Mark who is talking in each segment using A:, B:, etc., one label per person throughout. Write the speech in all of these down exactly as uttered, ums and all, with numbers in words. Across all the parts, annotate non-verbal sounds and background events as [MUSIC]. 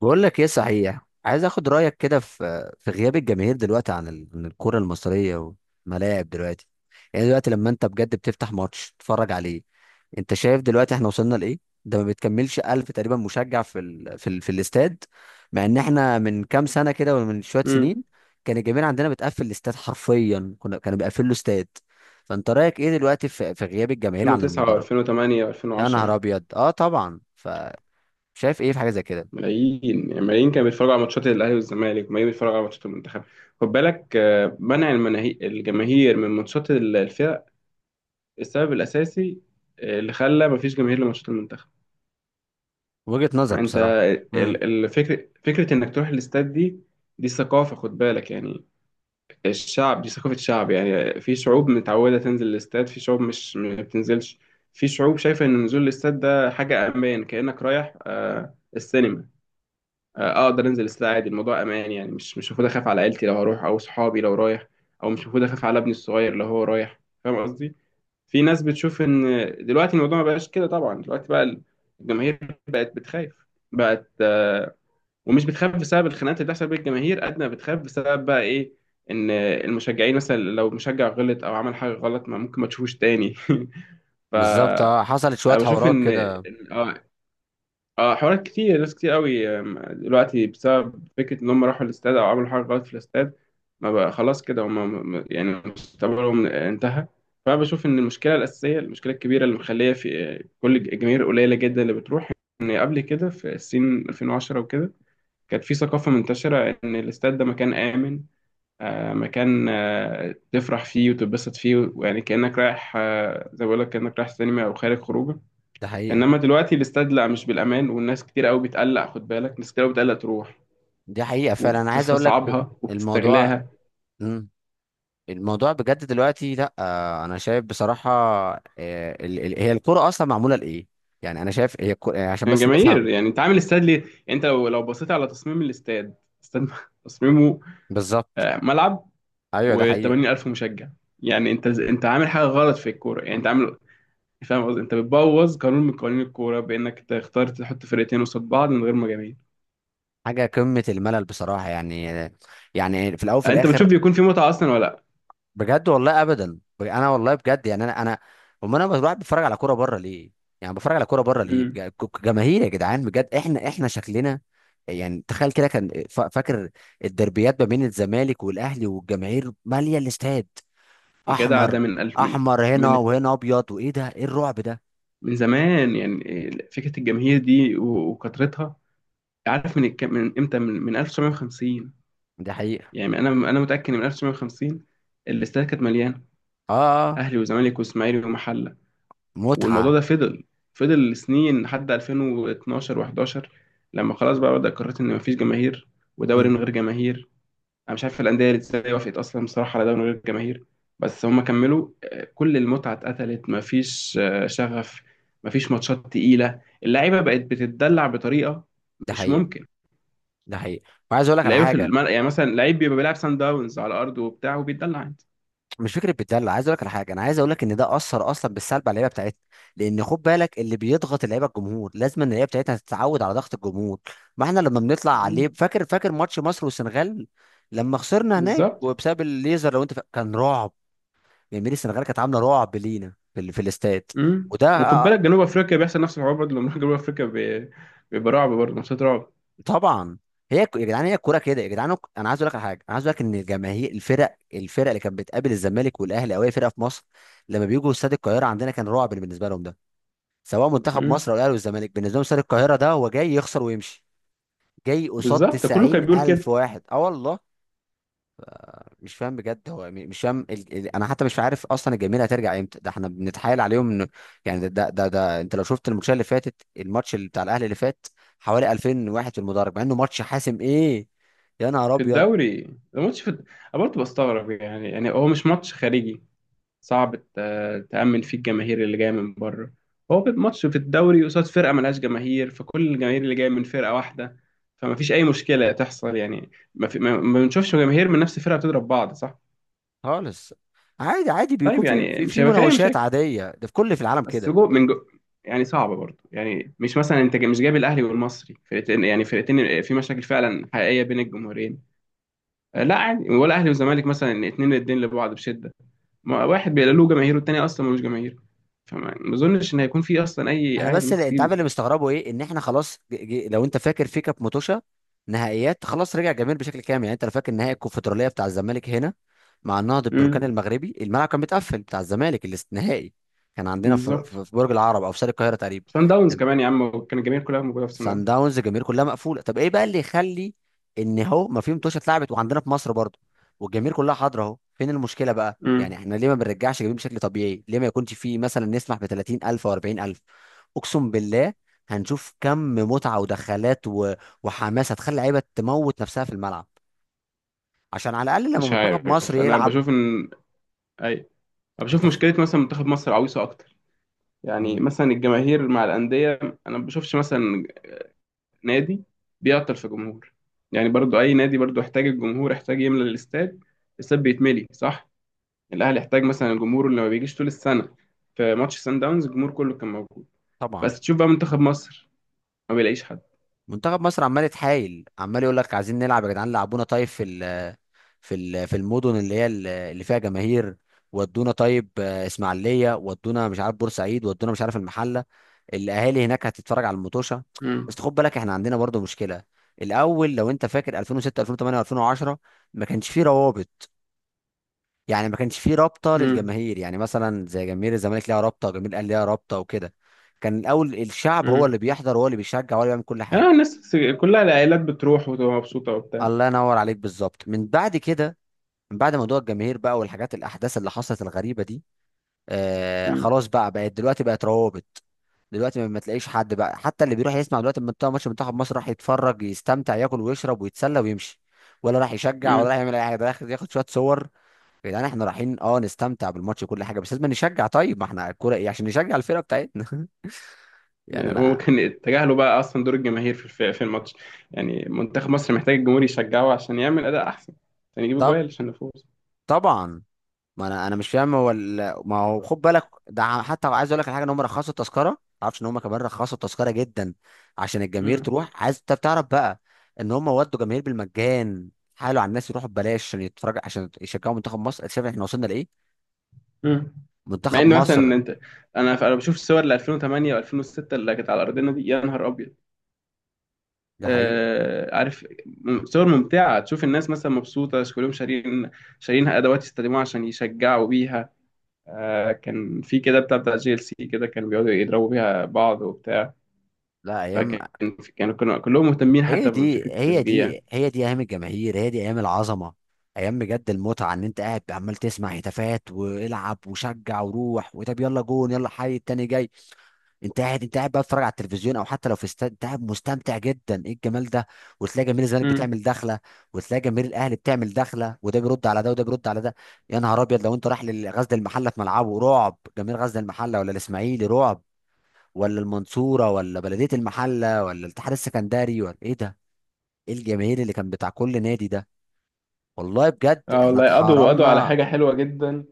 A: بقول لك ايه؟ صحيح، عايز اخد رايك كده في في غياب الجماهير دلوقتي عن ال- عن الكره المصريه والملاعب دلوقتي. يعني دلوقتي لما انت بجد بتفتح ماتش تتفرج عليه، انت شايف دلوقتي احنا وصلنا لايه؟ ده ما بتكملش ألف تقريبا مشجع في ال... في ال... في الاستاد. مع ان احنا من كام سنه كده، ولا من شويه
B: امم
A: سنين، كان الجماهير عندنا بتقفل الاستاد حرفيا، كنا كانوا بيقفلوا استاد. فانت رايك ايه دلوقتي في, في غياب الجماهير عن
B: ألفين وتسعة
A: المدرج؟
B: ألفين وتمانية
A: يا نهار
B: ألفين وعشرة.
A: ابيض، اه طبعا. فشايف ايه في حاجه زي كده؟
B: ملايين يعني ملايين كانوا بيتفرجوا على ماتشات الاهلي والزمالك، وملايين بيتفرجوا على ماتشات المنتخب. خد بالك، آه، منع المناهي... الجماهير من ماتشات ال- الفرق السبب الاساسي، آه، اللي خلى مفيش جماهير لماتشات المنتخب.
A: وجهة نظر
B: انت
A: بصراحة. امم.
B: ال- الفكر فكره انك تروح الاستاد دي، دي ثقافه، خد بالك يعني. الشعب دي ثقافه شعب، يعني في شعوب متعوده تنزل الاستاد، في شعوب مش ما بتنزلش. في شعوب شايفه ان نزول الاستاد ده حاجه امان، كانك رايح آه، السينما. آه، اقدر انزل الساعة عادي، الموضوع امان. يعني مش مش المفروض اخاف على عيلتي لو هروح او صحابي لو رايح، او مش المفروض اخاف على ابني الصغير لو هو رايح. فاهم قصدي؟ في ناس بتشوف ان دلوقتي الموضوع ما بقاش كده، طبعا دلوقتي بقى الجماهير بقت بتخاف. بقت آه، ومش بتخاف بسبب الخناقات اللي بتحصل بين الجماهير قد ما بتخاف بسبب بقى ايه؟ ان المشجعين مثلا لو مشجع غلط او عمل حاجة غلط، ما ممكن ما تشوفوش تاني. [LAUGHS] ف
A: بالظبط، اه حصلت شوية
B: انا بشوف
A: حوارات
B: ان
A: كده.
B: اه اه حوارات كتير، ناس كتير قوي آم، دلوقتي بسبب فكرة إن هم راحوا الاستاد أو عملوا حاجة غلط في الاستاد ما بقى خلاص كده. هم م- يعني مستقبلهم انتهى. فأنا بشوف إن المشكلة الأساسية، المشكلة الكبيرة اللي مخلية في آه، كل الجماهير قليلة جدا اللي بتروح، إن قبل كده في السين ألفين وعشرة وكده كانت في ثقافة منتشرة إن الاستاد ده مكان آمن. آه، مكان آه، تفرح فيه وتتبسط فيه، ويعني كأنك رايح، آه، زي ما بقول لك، كأنك رايح سينما أو خارج خروجه.
A: ده حقيقة.
B: انما دلوقتي الاستاد لا، مش بالامان، والناس كتير قوي بتقلق. خد بالك، ناس كتير قوي بتقلق تروح
A: دي حقيقة فعلا، انا عايز اقول لك ب-
B: وبتستصعبها
A: الموضوع.
B: وبتستغلاها.
A: مم. الموضوع بجد دلوقتي، لا آه، انا شايف بصراحة، آه، ال- ال- هي الكرة اصلا معمولة لايه؟ يعني انا شايف هي الكرة، يعني عشان
B: يعني
A: بس نفهم.
B: جماهير، يعني انت عامل استاد ليه؟ يعني انت لو لو بصيت على تصميم الاستاد، استاد [LAUGHS] تصميمه
A: بالظبط.
B: آه، ملعب
A: ايوه ده حقيقة.
B: و80000 مشجع. يعني انت انت عامل حاجه غلط في الكوره، يعني انت عامل، فاهم قصدي؟ انت بتبوظ قانون من قوانين الكوره بانك تختار تحط فرقتين قصاد بعض من غير ما جماهير.
A: حاجة قمة الملل بصراحة، يعني يعني في الاول وفي
B: انت
A: الاخر،
B: بتشوف بيكون في متعه اصلا ولا لا؟
A: بجد والله ابدا. بج- انا والله بجد، يعني انا انا، امال انا بروح بتفرج على كوره بره ليه؟ يعني بتفرج على كوره بره ليه؟
B: امم.
A: بج- ك- جماهير يا جدعان، بجد احنا احنا شكلنا. يعني تخيل كده، كان فا- فاكر الدربيات ما بين الزمالك والاهلي والجماهير ماليه الاستاد؟
B: يا جدع،
A: احمر،
B: ده من ألف، من
A: احمر هنا
B: من
A: وهنا ابيض. وايه ده؟ ايه الرعب ده؟
B: من زمان، يعني فكرة الجماهير دي و- وكثرتها. عارف من الك- من امتى؟ من من ألف وتسعمية وخمسين.
A: ده حقيقه.
B: يعني انا انا متأكد ان من ألف وتسعمية وخمسين الاستاد كانت مليانة،
A: اه. آه،
B: اهلي وزمالك واسماعيلي ومحلة. والموضوع
A: متعه.
B: ده فضل، فضل سنين لحد ألفين واتناشر و11، لما خلاص بقى بدأ قررت ان مفيش جماهير، ودوري من
A: مم.
B: غير جماهير. انا مش عارف الانديه اللي ازاي وافقت اصلا بصراحه على ده من غير جماهير، بس هم كملوا. آه، كل المتعه اتقتلت، مفيش آه، شغف، مفيش ماتشات تقيله، اللعيبه بقت بتتدلع بطريقه
A: ده
B: مش
A: حقيقه.
B: ممكن.
A: ده حقيقه. وعايز اقول لك على
B: اللعيبه في
A: حاجه.
B: الم... يعني مثلا لعيب بيبقى بيلعب سان داونز على ارضه وبتاع وبيتدلع عادي.
A: مش فكره بتدلع، عايز اقول لك على حاجه، انا عايز اقول لك ان ده اثر اصلا بالسلب على اللعيبه بتاعتنا. لان خد بالك، اللي بيضغط اللعيبه الجمهور، لازم ان اللعيبه بتاعتنا تتعود على ضغط الجمهور. ما احنا لما بنطلع عليه،
B: مم.
A: فاكر فاكر ماتش مصر والسنغال لما خسرنا هناك،
B: بالظبط.
A: وبسبب الليزر لو انت فا... كان رعب. يعني السنغال كانت عامله رعب لينا في, ال... في الاستاد.
B: امم.
A: وده
B: وخد
A: آه،
B: بالك جنوب افريقيا بيحصل نفس الحوار برضه، لما جنوب افريقيا بي- بيبقى رعب برضه، ماتشات رعب.
A: طبعا. هي ك- يا جدعان، هي الكوره كده يا جدعان. انا عايز اقول لك على حاجه، انا عايز اقول لك ان الجماهير، الفرق، الفرق اللي كانت بتقابل الزمالك والاهلي او اي فرقه في مصر لما بيجوا استاد القاهره عندنا، كان رعب بالنسبه لهم. ده سواء منتخب
B: امم.
A: مصر او الاهلي والزمالك، بالنسبه لهم استاد القاهره ده هو جاي يخسر ويمشي. جاي قصاد
B: بالظبط، ده كله كان بيقول
A: تسعين ألف
B: كده.
A: واحد، اه والله. مش فاهم بجد هو م- مش فاهم ال... ال... انا حتى مش عارف اصلا الجماهير هترجع امتى، ده احنا بنتحايل عليهم إن... يعني ده, ده ده ده انت لو شفت الماتش اللي فاتت، الماتش اللي بتاع الاهلي اللي فات، حوالي ألفين واحد في المدرج، مع انه ماتش حاسم. ايه يا نهار
B: في
A: ابيض!
B: الدوري، الماتش في الد- انا برضه بستغرب، يعني يعني هو مش ماتش خارجي صعب ت- تأمن فيه الجماهير اللي جاية من بره. هو بيبقى ماتش في الدوري قصاد فرقة ملهاش جماهير، فكل الجماهير اللي جاية من فرقة واحدة، فما فيش أي مشكلة تحصل. يعني ما, في ما ما بنشوفش جماهير من نفس الفرقة بتضرب بعض، صح؟
A: خالص. عادي، عادي،
B: طيب،
A: بيكون في
B: يعني
A: في,
B: مش
A: في
B: هيبقى في أي
A: مناوشات
B: مشاكل،
A: عاديه، ده في كل في العالم
B: بس
A: كده.
B: جو من جو. يعني صعبة برضه، يعني مش مثلا أنت مش جايب الأهلي والمصري فرقتين، يعني فرقتين في مشاكل فعلا حقيقية بين الجمهورين، آه، لا عادي، ولا اهلي وزمالك مثلا إن اتنين الدين لبعض بشده. ما واحد بيبقى له جماهير والتاني اصلا ملوش جماهير، فما ما اظنش ان هيكون في اصلا اي
A: انا
B: عادي
A: بس
B: ممكن
A: اللي انت عارف اللي
B: تجيب.
A: مستغربه ايه، ان احنا خلاص ج... ج... لو انت فاكر في كاب موتوشا نهائيات، خلاص رجع جميل بشكل كامل. يعني انت لو فاكر نهائي الكونفدراليه بتاع الزمالك هنا مع النهضه البركان
B: امم.
A: المغربي، الملعب كان متقفل بتاع الزمالك الاستثنائي، كان عندنا في,
B: بالظبط.
A: في... في برج العرب او في شارع القاهره تقريبا.
B: سان داونز كمان يا عم، كان الجماهير كلها موجوده في سان
A: سان
B: داونز.
A: داونز الجماهير كلها مقفوله، طب ايه بقى اللي يخلي ان هو ما في متوشه اتلعبت وعندنا في مصر برضه والجماهير كلها حاضره اهو؟ فين المشكله بقى؟ يعني
B: امم.
A: احنا ليه ما بنرجعش جماهير بشكل طبيعي؟ ليه ما يكونش في مثلا نسمح ب تلاتين ألف او اربعين ألف؟ اقسم بالله هنشوف كم متعه ودخلات و... وحماس هتخلي لعيبه تموت نفسها في الملعب، عشان على الاقل لما
B: مش
A: منتخب مصر
B: عارف، انا
A: يلعب.
B: بشوف ان اي. أنا بشوف
A: انت في...
B: مشكله مثلا منتخب مصر عويصه اكتر. يعني
A: مم،
B: مثلا الجماهير مع الانديه، انا ما بشوفش مثلا نادي بيعطل في جمهور. يعني برضو اي نادي برضو احتاج الجمهور، احتاج يملى الاستاد، الاستاد بيتملي صح. الاهلي احتاج مثلا الجمهور اللي ما بيجيش طول السنه. في ماتش سان داونز الجمهور كله كان موجود،
A: طبعا.
B: بس تشوف بقى منتخب مصر ما بيلاقيش حد.
A: منتخب مصر عمال يتحايل، عمال يقول لك عايزين نلعب يا جدعان، لعبونا طيب في ال... في ال- في المدن اللي هي ال- اللي فيها جماهير. ودونا طيب آه، اسماعيليه. ودونا مش عارف بورسعيد. ودونا مش عارف المحله. الاهالي هناك هتتفرج على المطوشه.
B: امم.
A: بس خد بالك احنا عندنا برضو مشكله. الاول لو انت فاكر ألفين وستة ألفين وتمانية و2010، ما كانش فيه روابط. يعني ما كانش فيه رابطه
B: امم.
A: للجماهير، يعني مثلا زي جماهير الزمالك ليها رابطه، وجماهير الاهلي ليها رابطه وكده. كان الاول الشعب هو
B: امم.
A: اللي بيحضر، هو اللي بيشجع، هو اللي بيعمل كل حاجه.
B: اه، الناس كلها العائلات بتروح وتبقى مبسوطه وبتاع.
A: الله ينور عليك، بالظبط. من بعد كده، من بعد موضوع الجماهير بقى والحاجات الاحداث اللي حصلت الغريبه دي، آه
B: امم.
A: خلاص بقى، بقت دلوقتي بقت روابط. دلوقتي ما ما تلاقيش حد بقى. حتى اللي بيروح يسمع دلوقتي من بتاع ماتش منتخب مصر، راح يتفرج، يستمتع، ياكل ويشرب ويتسلى ويمشي. ولا راح يشجع، ولا راح
B: امم.
A: يعمل اي حاجه، ده راح ياخد شويه صور. يا جدعان، احنا رايحين اه نستمتع بالماتش وكل حاجه، بس لازم نشجع. طيب ما احنا الكوره ايه عشان نشجع الفرقه بتاعتنا؟ [LAUGHS] يعني انا.
B: وكان تجاهلوا بقى اصلا دور الجماهير في الف- في الماتش. يعني منتخب مصر محتاج الجمهور يشجعه عشان يعمل اداء احسن، عشان يجيب
A: طب
B: جوال، عشان نفوز.
A: طبعا. ما انا انا مش فاهم، هو ال- ما هو خد بالك، ده ع- حتى عايز اقول لك على حاجه، ان هم رخصوا التذكره. ما تعرفش ان هم كمان رخصوا التذكره جدا عشان الجماهير
B: امم.
A: تروح. عايز انت تعرف بقى ان هم ودوا جماهير بالمجان. حالوا على الناس يروحوا ببلاش عشان يتفرج، عشان يشجعوا منتخب مصر. شايف احنا وصلنا لايه؟
B: امم. مع
A: منتخب
B: ان مثلا
A: مصر.
B: انت، انا انا بشوف الصور ل ألفين وتمانية و2006 اللي كانت على ارضنا دي، يا نهار ابيض.
A: ده حقيقه.
B: آه، عارف م- صور ممتعة، تشوف الناس مثلا مبسوطة، كلهم شارين، شارين أدوات يستخدموها عشان يشجعوا بيها. آه، كان في كده بتاع بتاع جي ال سي كده، كانوا بيقعدوا يضربوا بيها بعض وبتاع.
A: لا ايام.
B: فكان، كانوا كانوا كلهم مهتمين
A: هي
B: حتى بفكرة
A: دي هي
B: التشجيع.
A: دي هي دي ايام الجماهير، هي دي ايام العظمه. ايام بجد المتعه، ان انت قاعد عمال تسمع هتافات، والعب وشجع وروح، وطب يلا جون، يلا حي التاني جاي. انت قاعد انت قاعد بقى بتتفرج على التلفزيون، او حتى لو في استاد انت قاعد مستمتع جدا. ايه الجمال ده! وتلاقي جماهير الزمالك
B: امم.
A: بتعمل دخله، وتلاقي جماهير الاهلي بتعمل دخله، وده بيرد على ده وده بيرد على ده. يا نهار ابيض، لو انت رايح لغزل المحله في ملعبه، رعب جماهير غزل المحله، ولا الاسماعيلي رعب، ولا المنصوره، ولا بلديه المحله، ولا الاتحاد السكندري، ولا ايه ده؟ ايه الجماهير اللي كان بتاع كل نادي ده! والله بجد
B: اه
A: احنا
B: والله، قضوا قضوا على
A: اتحرمنا.
B: حاجة حلوة جدا،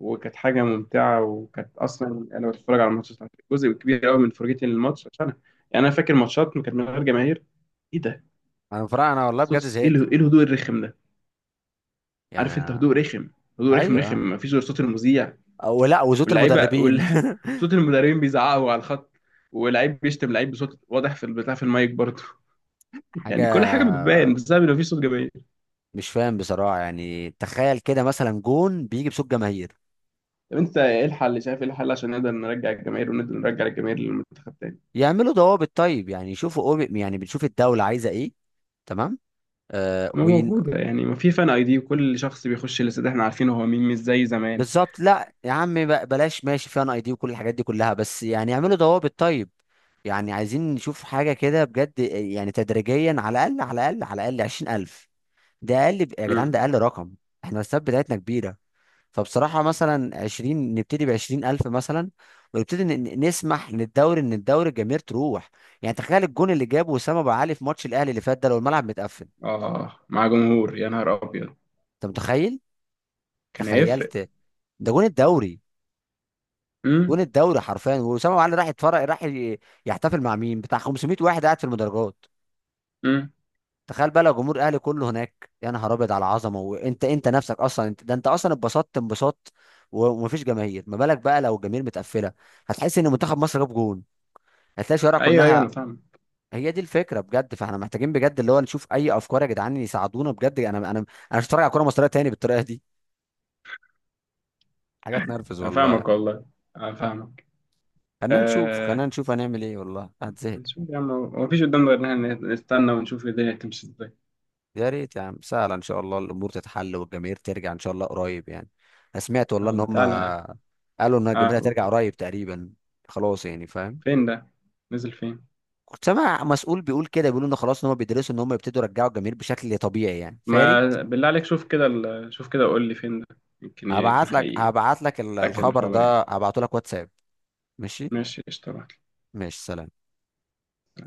B: وكانت حاجة ممتعة. وكانت أصلا أنا بتفرج على الماتش، جزء كبير قوي من فرجتي للماتش عشان أنا، يعني أنا فاكر ماتشات كانت من غير جماهير. إيه ده؟
A: انا فرق، انا والله بجد
B: الصوت إيه،
A: زهقت
B: ال- إيه الهدوء الرخم ده؟ عارف انت،
A: يعني.
B: هدوء رخم. هدوء رخم رخم،
A: ايوه.
B: مفيش غير صوت المذيع
A: ولا وزوت
B: واللعيبه
A: المدربين.
B: وال... [LAUGHS] صوت المدربين بيزعقوا على الخط، ولعيب بيشتم لعيب بصوت واضح في البتاع في المايك برضه.
A: [LAUGHS]
B: [LAUGHS] يعني
A: حاجه.
B: كل حاجه بتبان بسبب ان مفيش صوت جماهير.
A: مش فاهم بصراحة. يعني تخيل كده، مثلا جون بيجي بصوت جماهير.
B: طب انت ايه الحل؟ شايف ايه الحل عشان نقدر نرجع الجماهير، ونقدر نرجع الجماهير للمنتخب تاني؟
A: يعملوا ضوابط طيب، يعني يشوفوا أوبي. يعني بنشوف الدولة عايزة ايه. تمام. آه
B: ما
A: وين.
B: موجوده، يعني ما في فان اي دي، وكل شخص بيخش الاستاد احنا عارفين هو مين، مش زي زمان.
A: بالظبط، لا يا عم ب- بلاش ماشي فيها اي دي وكل الحاجات دي كلها، بس يعني يعملوا ضوابط طيب. يعني عايزين نشوف حاجة كده بجد، يعني تدريجيا، على الأقل، على الأقل، على الأقل عشرين ألف. ده أقل يا جدعان،
B: امم.
A: ده أقل رقم. احنا الأسباب بتاعتنا كبيرة. فبصراحة، مثلا عشرين، نبتدي ب عشرين ألف مثلا، ونبتدي ن- ن- نسمح للدوري، ان الدوري الجماهير تروح. يعني تخيل الجون اللي جابه وسام ابو علي في ماتش الاهلي اللي فات ده، لو الملعب متقفل.
B: اه، مع جمهور، يا نهار ابيض.
A: انت متخيل؟
B: كان هيفرق.
A: تخيلت. ده جون الدوري،
B: امم.
A: جون الدوري حرفيا. وسام ابو علي راح يتفرج، راح ي- يحتفل مع مين؟ بتاع خمسمائة واحد قاعد في المدرجات.
B: امم.
A: تخيل بقى لو جمهور الاهلي كله هناك، يا نهار ابيض على العظمه. وانت انت نفسك اصلا، انت ده انت اصلا اتبسطت انبساط، و- ومفيش جماهير. ما بالك بقى لو الجماهير متقفله؟ هتحس ان منتخب مصر جاب جون، هتلاقي الشوارع
B: ايوه ايوه
A: كلها.
B: انا فاهمك.
A: هي دي الفكره بجد. فاحنا محتاجين بجد اللي هو نشوف اي افكار، يا جدعان يساعدونا بجد. انا انا انا مش هتفرج على كوره مصريه تاني بالطريقه دي. حاجه تنرفز
B: انا
A: والله
B: فاهمك
A: يعني.
B: والله. انا فاهمك.
A: خلينا نشوف، خلينا
B: آه.
A: نشوف هنعمل ايه، والله هتزهق.
B: هنشوف يا عم، هو مفيش قدامنا غير إن إحنا نستنى ونشوف الدنيا هتمشي إزاي.
A: يا ريت يا عم سهله، ان شاء الله الامور تتحل والجماهير ترجع ان شاء الله قريب يعني. انا سمعت والله ان
B: يلا
A: هم
B: تعالى.
A: قالوا ان
B: آه،
A: الجماهير هترجع
B: قول.
A: قريب تقريبا. خلاص يعني، فاهم.
B: فين ده؟ نزل فين؟
A: كنت سامع مسؤول بيقول كده، بيقولوا ان خلاص ان هم بيدرسوا ان هم يبتدوا يرجعوا الجماهير بشكل طبيعي يعني. فاري،
B: ما بالله عليك، شوف كده ال... شوف كده قول لي، فين ده؟ يمكن يكون
A: هبعت لك،
B: حقيقي.
A: هبعت لك ال-
B: أتأكد من
A: الخبر
B: الخبر يعني.
A: ده هبعته لك واتساب. ماشي.
B: ماشي قشطة.
A: ماشي سلام.